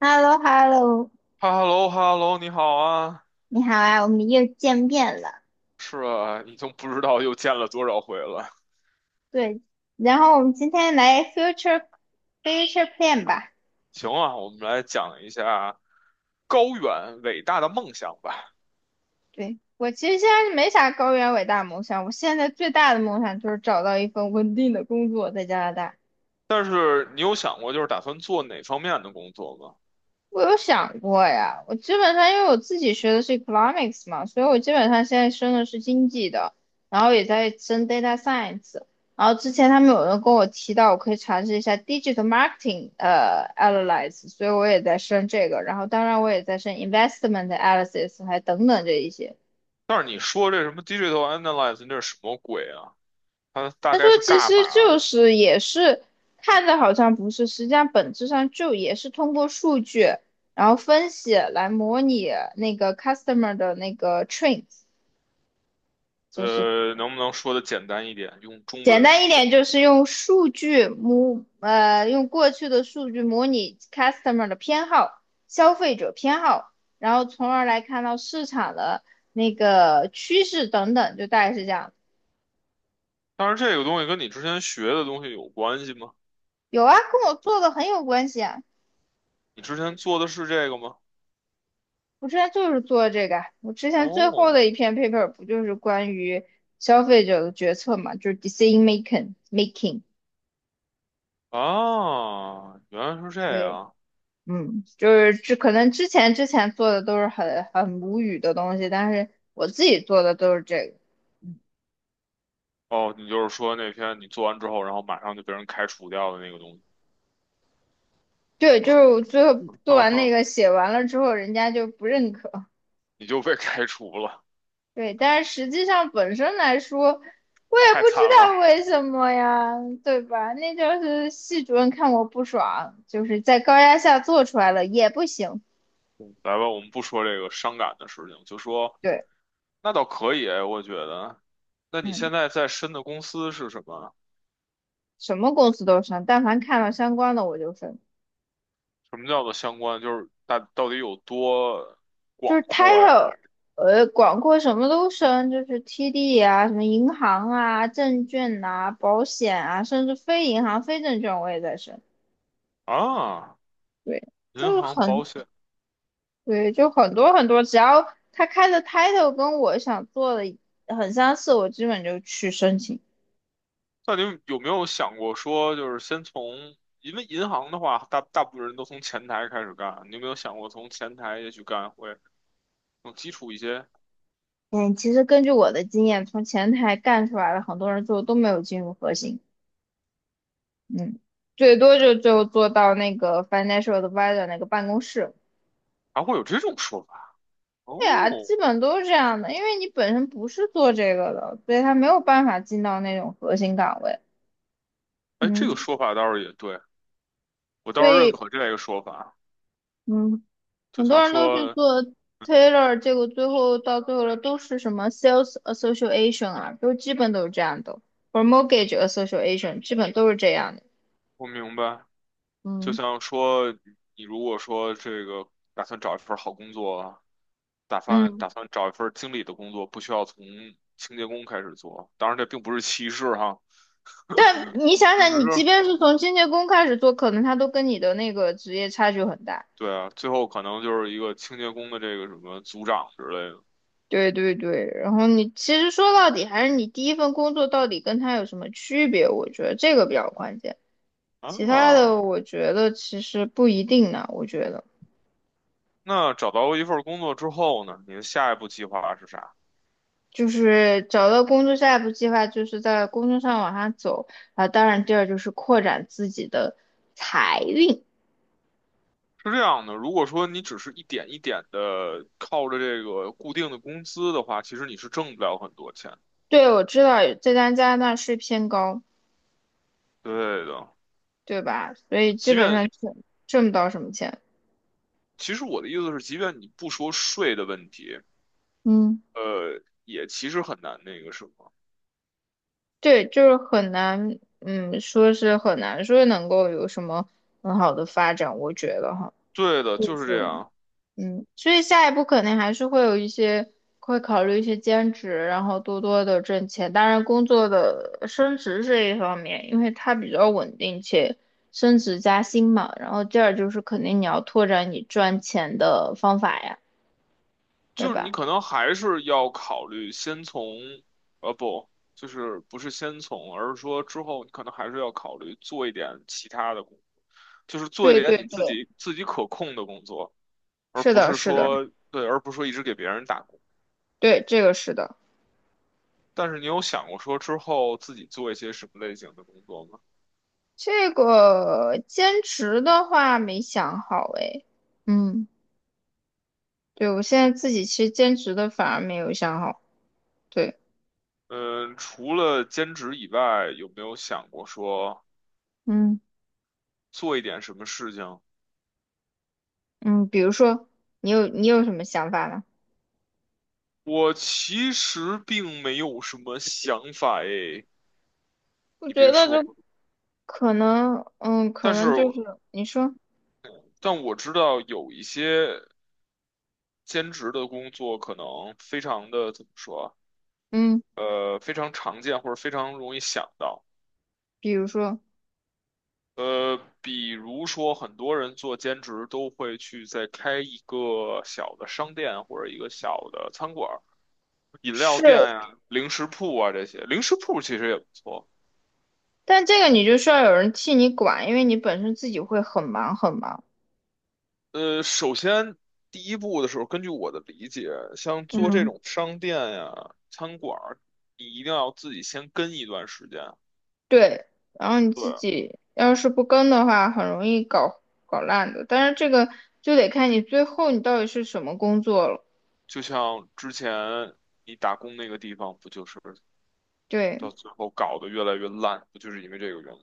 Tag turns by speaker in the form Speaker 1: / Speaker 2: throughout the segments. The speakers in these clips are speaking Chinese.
Speaker 1: h e l l o h e l l o
Speaker 2: 哈喽哈喽，你好啊！
Speaker 1: 你好啊，我们又见面了。
Speaker 2: 是啊，已经不知道又见了多少回了。
Speaker 1: 对，然后我们今天来 future plan 吧。
Speaker 2: 行啊，我们来讲一下高远伟大的梦想吧。
Speaker 1: 对，我其实现在没啥高远伟大的梦想，我现在最大的梦想就是找到一份稳定的工作在加拿大。
Speaker 2: 但是你有想过，就是打算做哪方面的工作吗？
Speaker 1: 我有想过呀，我基本上因为我自己学的是 economics 嘛，所以我基本上现在升的是经济的，然后也在升 data science。然后之前他们有人跟我提到，我可以尝试一下 digital marketing analysis，所以我也在升这个。然后当然我也在升 investment analysis，还等等这一些。
Speaker 2: 但是你说这什么 digital analysis，那是什么鬼啊？它大
Speaker 1: 他说
Speaker 2: 概是
Speaker 1: 其实
Speaker 2: 干嘛
Speaker 1: 就
Speaker 2: 的？
Speaker 1: 是也是看着好像不是，实际上本质上就也是通过数据，然后分析来模拟那个 customer 的那个 trends，就是
Speaker 2: 能不能说的简单一点，用中
Speaker 1: 简
Speaker 2: 文
Speaker 1: 单一
Speaker 2: 说的？
Speaker 1: 点就是用过去的数据模拟 customer 的偏好、消费者偏好，然后从而来看到市场的那个趋势等等，就大概是这样。
Speaker 2: 但是这个东西跟你之前学的东西有关系吗？
Speaker 1: 有啊，跟我做的很有关系啊。
Speaker 2: 你之前做的是这个吗？
Speaker 1: 我之前就是做这个啊，我之前最后
Speaker 2: 哦，
Speaker 1: 的一篇 paper 不就是关于消费者的决策嘛，就是 decision making。
Speaker 2: 啊，原来是这
Speaker 1: 对，
Speaker 2: 样。
Speaker 1: 嗯，就是这可能之前做的都是很无语的东西，但是我自己做的都是这个。
Speaker 2: 哦，你就是说那天你做完之后，然后马上就被人开除掉的那个东西，
Speaker 1: 对，就是我最后做完那 个写完了之后，人家就不认可。
Speaker 2: 你就被开除了，
Speaker 1: 对，但是实际上本身来说，我也不
Speaker 2: 太
Speaker 1: 知
Speaker 2: 惨了。
Speaker 1: 道为什么呀，对吧？那就是系主任看我不爽，就是在高压下做出来了也不行。
Speaker 2: 嗯来吧，我们不说这个伤感的事情，就说
Speaker 1: 对，
Speaker 2: 那倒可以哎，我觉得。那你
Speaker 1: 嗯，
Speaker 2: 现在在深的公司是什么？
Speaker 1: 什么公司都升，但凡看到相关的我就升，
Speaker 2: 什么叫做相关？就是大到底有多
Speaker 1: 就是
Speaker 2: 广阔呀？
Speaker 1: title,广阔什么都升，就是 TD 啊，什么银行啊、证券啊、保险啊，甚至非银行、非证券我也在升。
Speaker 2: 啊，
Speaker 1: 对，就
Speaker 2: 银
Speaker 1: 是
Speaker 2: 行、
Speaker 1: 很
Speaker 2: 保险，
Speaker 1: 对，就很多很多，只要他开的 title 跟我想做的很相似，我基本就去申请。
Speaker 2: 那你有没有想过说，就是先从，因为银行的话，大部分人都从前台开始干，你有没有想过从前台也许干会？更基础一些，
Speaker 1: 嗯，其实根据我的经验，从前台干出来的很多人最后都没有进入核心，嗯，最多就做到那个 financial advisor 那个办公室。
Speaker 2: 还会有这种说法哦。
Speaker 1: 对啊，基本都是这样的，因为你本身不是做这个的，所以他没有办法进到那种核心岗位。
Speaker 2: 哎，这个
Speaker 1: 嗯，
Speaker 2: 说法倒是也对，我倒是认
Speaker 1: 对，
Speaker 2: 可这个说法。
Speaker 1: 嗯。
Speaker 2: 就
Speaker 1: 很多
Speaker 2: 像
Speaker 1: 人都去
Speaker 2: 说，
Speaker 1: 做 tailor,结果最后到最后了都是什么 sales association 啊，都基本都是这样的，或者 mortgage association,基本都是这样的。
Speaker 2: 我明白，就
Speaker 1: 嗯
Speaker 2: 像说，你如果说这个打算找一份好工作，打算
Speaker 1: 嗯，
Speaker 2: 打算找一份经理的工作，不需要从清洁工开始做。当然，这并不是歧视哈，
Speaker 1: 但你想
Speaker 2: 只
Speaker 1: 想，你即
Speaker 2: 是
Speaker 1: 便是从清洁工开始做，可能他都跟你的那个职业差距很大。
Speaker 2: 对啊，最后可能就是一个清洁工的这个什么组长之类的
Speaker 1: 对对对，然后你其实说到底还是你第一份工作到底跟他有什么区别，我觉得这个比较关键，其他
Speaker 2: 啊。
Speaker 1: 的我觉得其实不一定呢，我觉得。
Speaker 2: 那找到一份工作之后呢，你的下一步计划是啥？
Speaker 1: 就是找到工作，下一步计划就是在工作上往上走啊。当然，第二就是扩展自己的财运。
Speaker 2: 是这样的，如果说你只是一点一点的靠着这个固定的工资的话，其实你是挣不了很多钱。
Speaker 1: 对，我知道在加拿大税偏高，
Speaker 2: 对的，
Speaker 1: 对吧？所以基
Speaker 2: 即
Speaker 1: 本
Speaker 2: 便
Speaker 1: 上挣不到什么钱。
Speaker 2: 其实我的意思是，即便你不说税的问题，
Speaker 1: 嗯，
Speaker 2: 也其实很难那个什么。
Speaker 1: 对，就是很难，嗯，说是很难说能够有什么很好的发展，我觉得哈。
Speaker 2: 对的，
Speaker 1: 就
Speaker 2: 就是
Speaker 1: 是
Speaker 2: 这样，
Speaker 1: 嗯，所以下一步肯定还是会有一些，会考虑一些兼职，然后多多的挣钱。当然，工作的升职这一方面，因为它比较稳定且升职加薪嘛。然后第二就是肯定你要拓展你赚钱的方法呀，对
Speaker 2: 就是你
Speaker 1: 吧？
Speaker 2: 可能还是要考虑先从，呃，不，就是不是先从，而是说之后你可能还是要考虑做一点其他的工作，就是做一
Speaker 1: 对对
Speaker 2: 点你
Speaker 1: 对，
Speaker 2: 自己自己可控的工作。而
Speaker 1: 是
Speaker 2: 不
Speaker 1: 的，
Speaker 2: 是
Speaker 1: 是的，
Speaker 2: 说对，而不是说一直给别人打工。
Speaker 1: 对，这个是的。
Speaker 2: 但是你有想过说之后自己做一些什么类型的工作吗？
Speaker 1: 这个兼职的话没想好诶，嗯，对，我现在自己其实兼职的反而没有想好，对，
Speaker 2: 嗯，除了兼职以外，有没有想过说
Speaker 1: 嗯。
Speaker 2: 做一点什么事情？
Speaker 1: 嗯，比如说你有什么想法呢？
Speaker 2: 我其实并没有什么想法诶，
Speaker 1: 我
Speaker 2: 你
Speaker 1: 觉
Speaker 2: 别
Speaker 1: 得
Speaker 2: 说，
Speaker 1: 就可能，嗯，可
Speaker 2: 但是
Speaker 1: 能就是你说，
Speaker 2: 但我知道有一些兼职的工作可能非常的怎么说
Speaker 1: 嗯，
Speaker 2: 啊，呃，非常常见或者非常容易想到。
Speaker 1: 比如说
Speaker 2: 呃，比如说，很多人做兼职都会去再开一个小的商店或者一个小的餐馆儿、饮料
Speaker 1: 是，
Speaker 2: 店呀、零食铺啊这些。零食铺其实也不错。
Speaker 1: 但这个你就需要有人替你管，因为你本身自己会很忙很忙。
Speaker 2: 呃，首先第一步的时候，根据我的理解，像做这
Speaker 1: 嗯，
Speaker 2: 种商店呀、餐馆儿，你一定要自己先跟一段时间。
Speaker 1: 对，然后你
Speaker 2: 对，
Speaker 1: 自己要是不跟的话，很容易搞烂的。但是这个就得看你最后你到底是什么工作了。
Speaker 2: 就像之前你打工那个地方，不就是
Speaker 1: 对
Speaker 2: 到最后搞得越来越烂，不就是因为这个原因？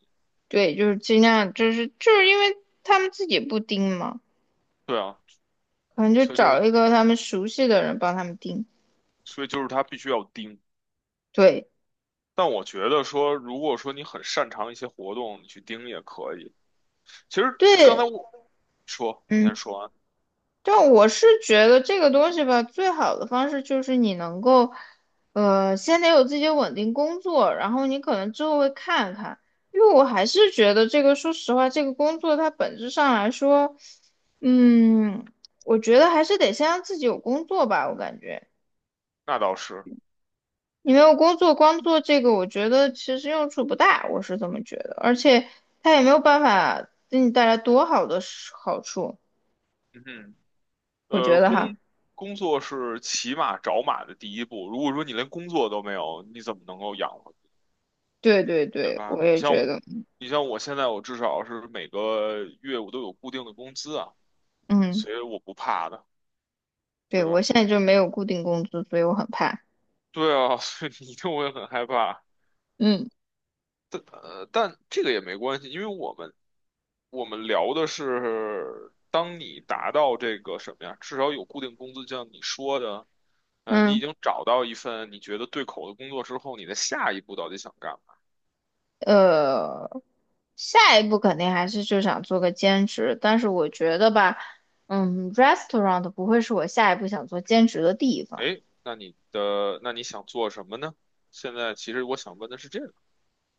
Speaker 1: 对，就是尽量，就是因为他们自己不盯嘛。
Speaker 2: 对啊。
Speaker 1: 可能就
Speaker 2: 所以就是
Speaker 1: 找一个他们熟悉的人帮他们订。
Speaker 2: 所以就是他必须要盯。
Speaker 1: 对
Speaker 2: 但我觉得说，如果说你很擅长一些活动，你去盯也可以。其实刚才
Speaker 1: 对，
Speaker 2: 我说，你先
Speaker 1: 嗯，
Speaker 2: 说完，
Speaker 1: 但我是觉得这个东西吧，最好的方式就是你能够，先得有自己的稳定工作，然后你可能之后会看看。因为我还是觉得这个，说实话，这个工作它本质上来说，嗯，我觉得还是得先让自己有工作吧，我感觉。
Speaker 2: 那倒是，
Speaker 1: 你没有工作，光做这个，我觉得其实用处不大，我是这么觉得。而且他也没有办法给你带来多好的是好处，
Speaker 2: 嗯哼，
Speaker 1: 我觉
Speaker 2: 呃，
Speaker 1: 得哈。
Speaker 2: 工作是骑马找马的第一步。如果说你连工作都没有，你怎么能够养活，
Speaker 1: 对对
Speaker 2: 对
Speaker 1: 对，
Speaker 2: 吧？
Speaker 1: 我也
Speaker 2: 像
Speaker 1: 觉
Speaker 2: 我，
Speaker 1: 得，
Speaker 2: 你像我现在，我至少是每个月我都有固定的工资啊，
Speaker 1: 嗯，
Speaker 2: 所以我不怕的，
Speaker 1: 对，
Speaker 2: 对吧？
Speaker 1: 我现在就
Speaker 2: 对
Speaker 1: 没有固定工资，所以我很怕。
Speaker 2: 对啊，所以你一定会很害怕。
Speaker 1: 嗯
Speaker 2: 呃，但这个也没关系，因为我们聊的是，当你达到这个什么呀，至少有固定工资，就像你说的，呃，你已
Speaker 1: 嗯，
Speaker 2: 经找到一份你觉得对口的工作之后，你的下一步到底想干嘛？
Speaker 1: 呃，下一步肯定还是就想做个兼职，但是我觉得吧，嗯，restaurant 不会是我下一步想做兼职的地方。
Speaker 2: 哎，那你想做什么呢？现在其实我想问的是这个，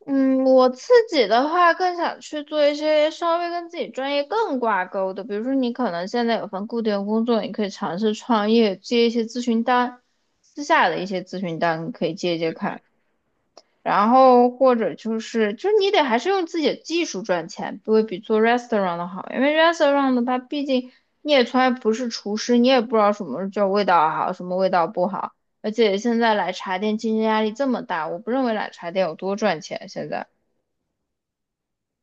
Speaker 1: 嗯，我自己的话更想去做一些稍微跟自己专业更挂钩的，比如说你可能现在有份固定的工作，你可以尝试创业，接一些咨询单，私下的一些咨询单你可以接接看，然后或者就是你得还是用自己的技术赚钱，不会比做 restaurant 的好，因为 restaurant 的它毕竟你也从来不是厨师，你也不知道什么叫味道好，什么味道不好，而且现在奶茶店竞争压力这么大，我不认为奶茶店有多赚钱现在。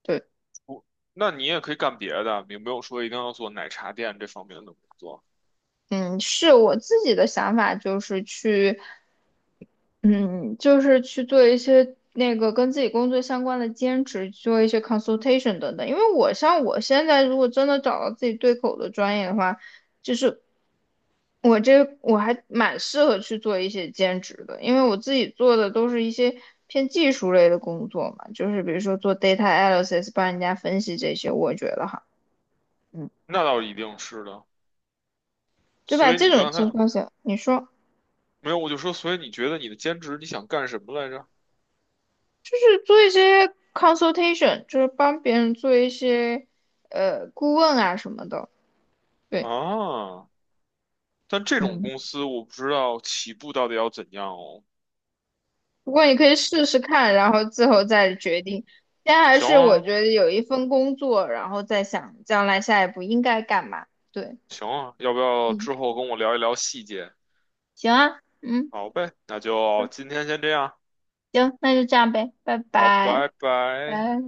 Speaker 1: 对。
Speaker 2: 我那你也可以干别的，也没有说一定要做奶茶店这方面的工作，
Speaker 1: 嗯，是我自己的想法，就是去，嗯，就是去做一些那个跟自己工作相关的兼职，做一些 consultation 等等。因为我像我现在，如果真的找到自己对口的专业的话，就是我还蛮适合去做一些兼职的，因为我自己做的都是一些偏技术类的工作嘛，就是比如说做 data analysis,帮人家分析这些，我觉得哈，嗯，
Speaker 2: 那倒一定是的。
Speaker 1: 对吧？
Speaker 2: 所以
Speaker 1: 这
Speaker 2: 你
Speaker 1: 种
Speaker 2: 刚
Speaker 1: 情
Speaker 2: 才
Speaker 1: 况下，你说。
Speaker 2: 没有，我就说，所以你觉得你的兼职你想干什么来着？
Speaker 1: 就是做一些 consultation,就是帮别人做一些顾问啊什么的。对，
Speaker 2: 啊，但这种
Speaker 1: 嗯，
Speaker 2: 公司我不知道起步到底要怎样哦。
Speaker 1: 不过你可以试试看，然后最后再决定。先还
Speaker 2: 行
Speaker 1: 是我觉
Speaker 2: 啊，
Speaker 1: 得有一份工作，然后再想将来下一步应该干嘛。对，
Speaker 2: 行啊，要不要
Speaker 1: 嗯，
Speaker 2: 之后跟我聊一聊细节？
Speaker 1: 行啊，嗯，
Speaker 2: 好呗，那就今天先这样。
Speaker 1: 行，那就这样呗，拜
Speaker 2: 好，
Speaker 1: 拜。
Speaker 2: 拜拜。
Speaker 1: 拜。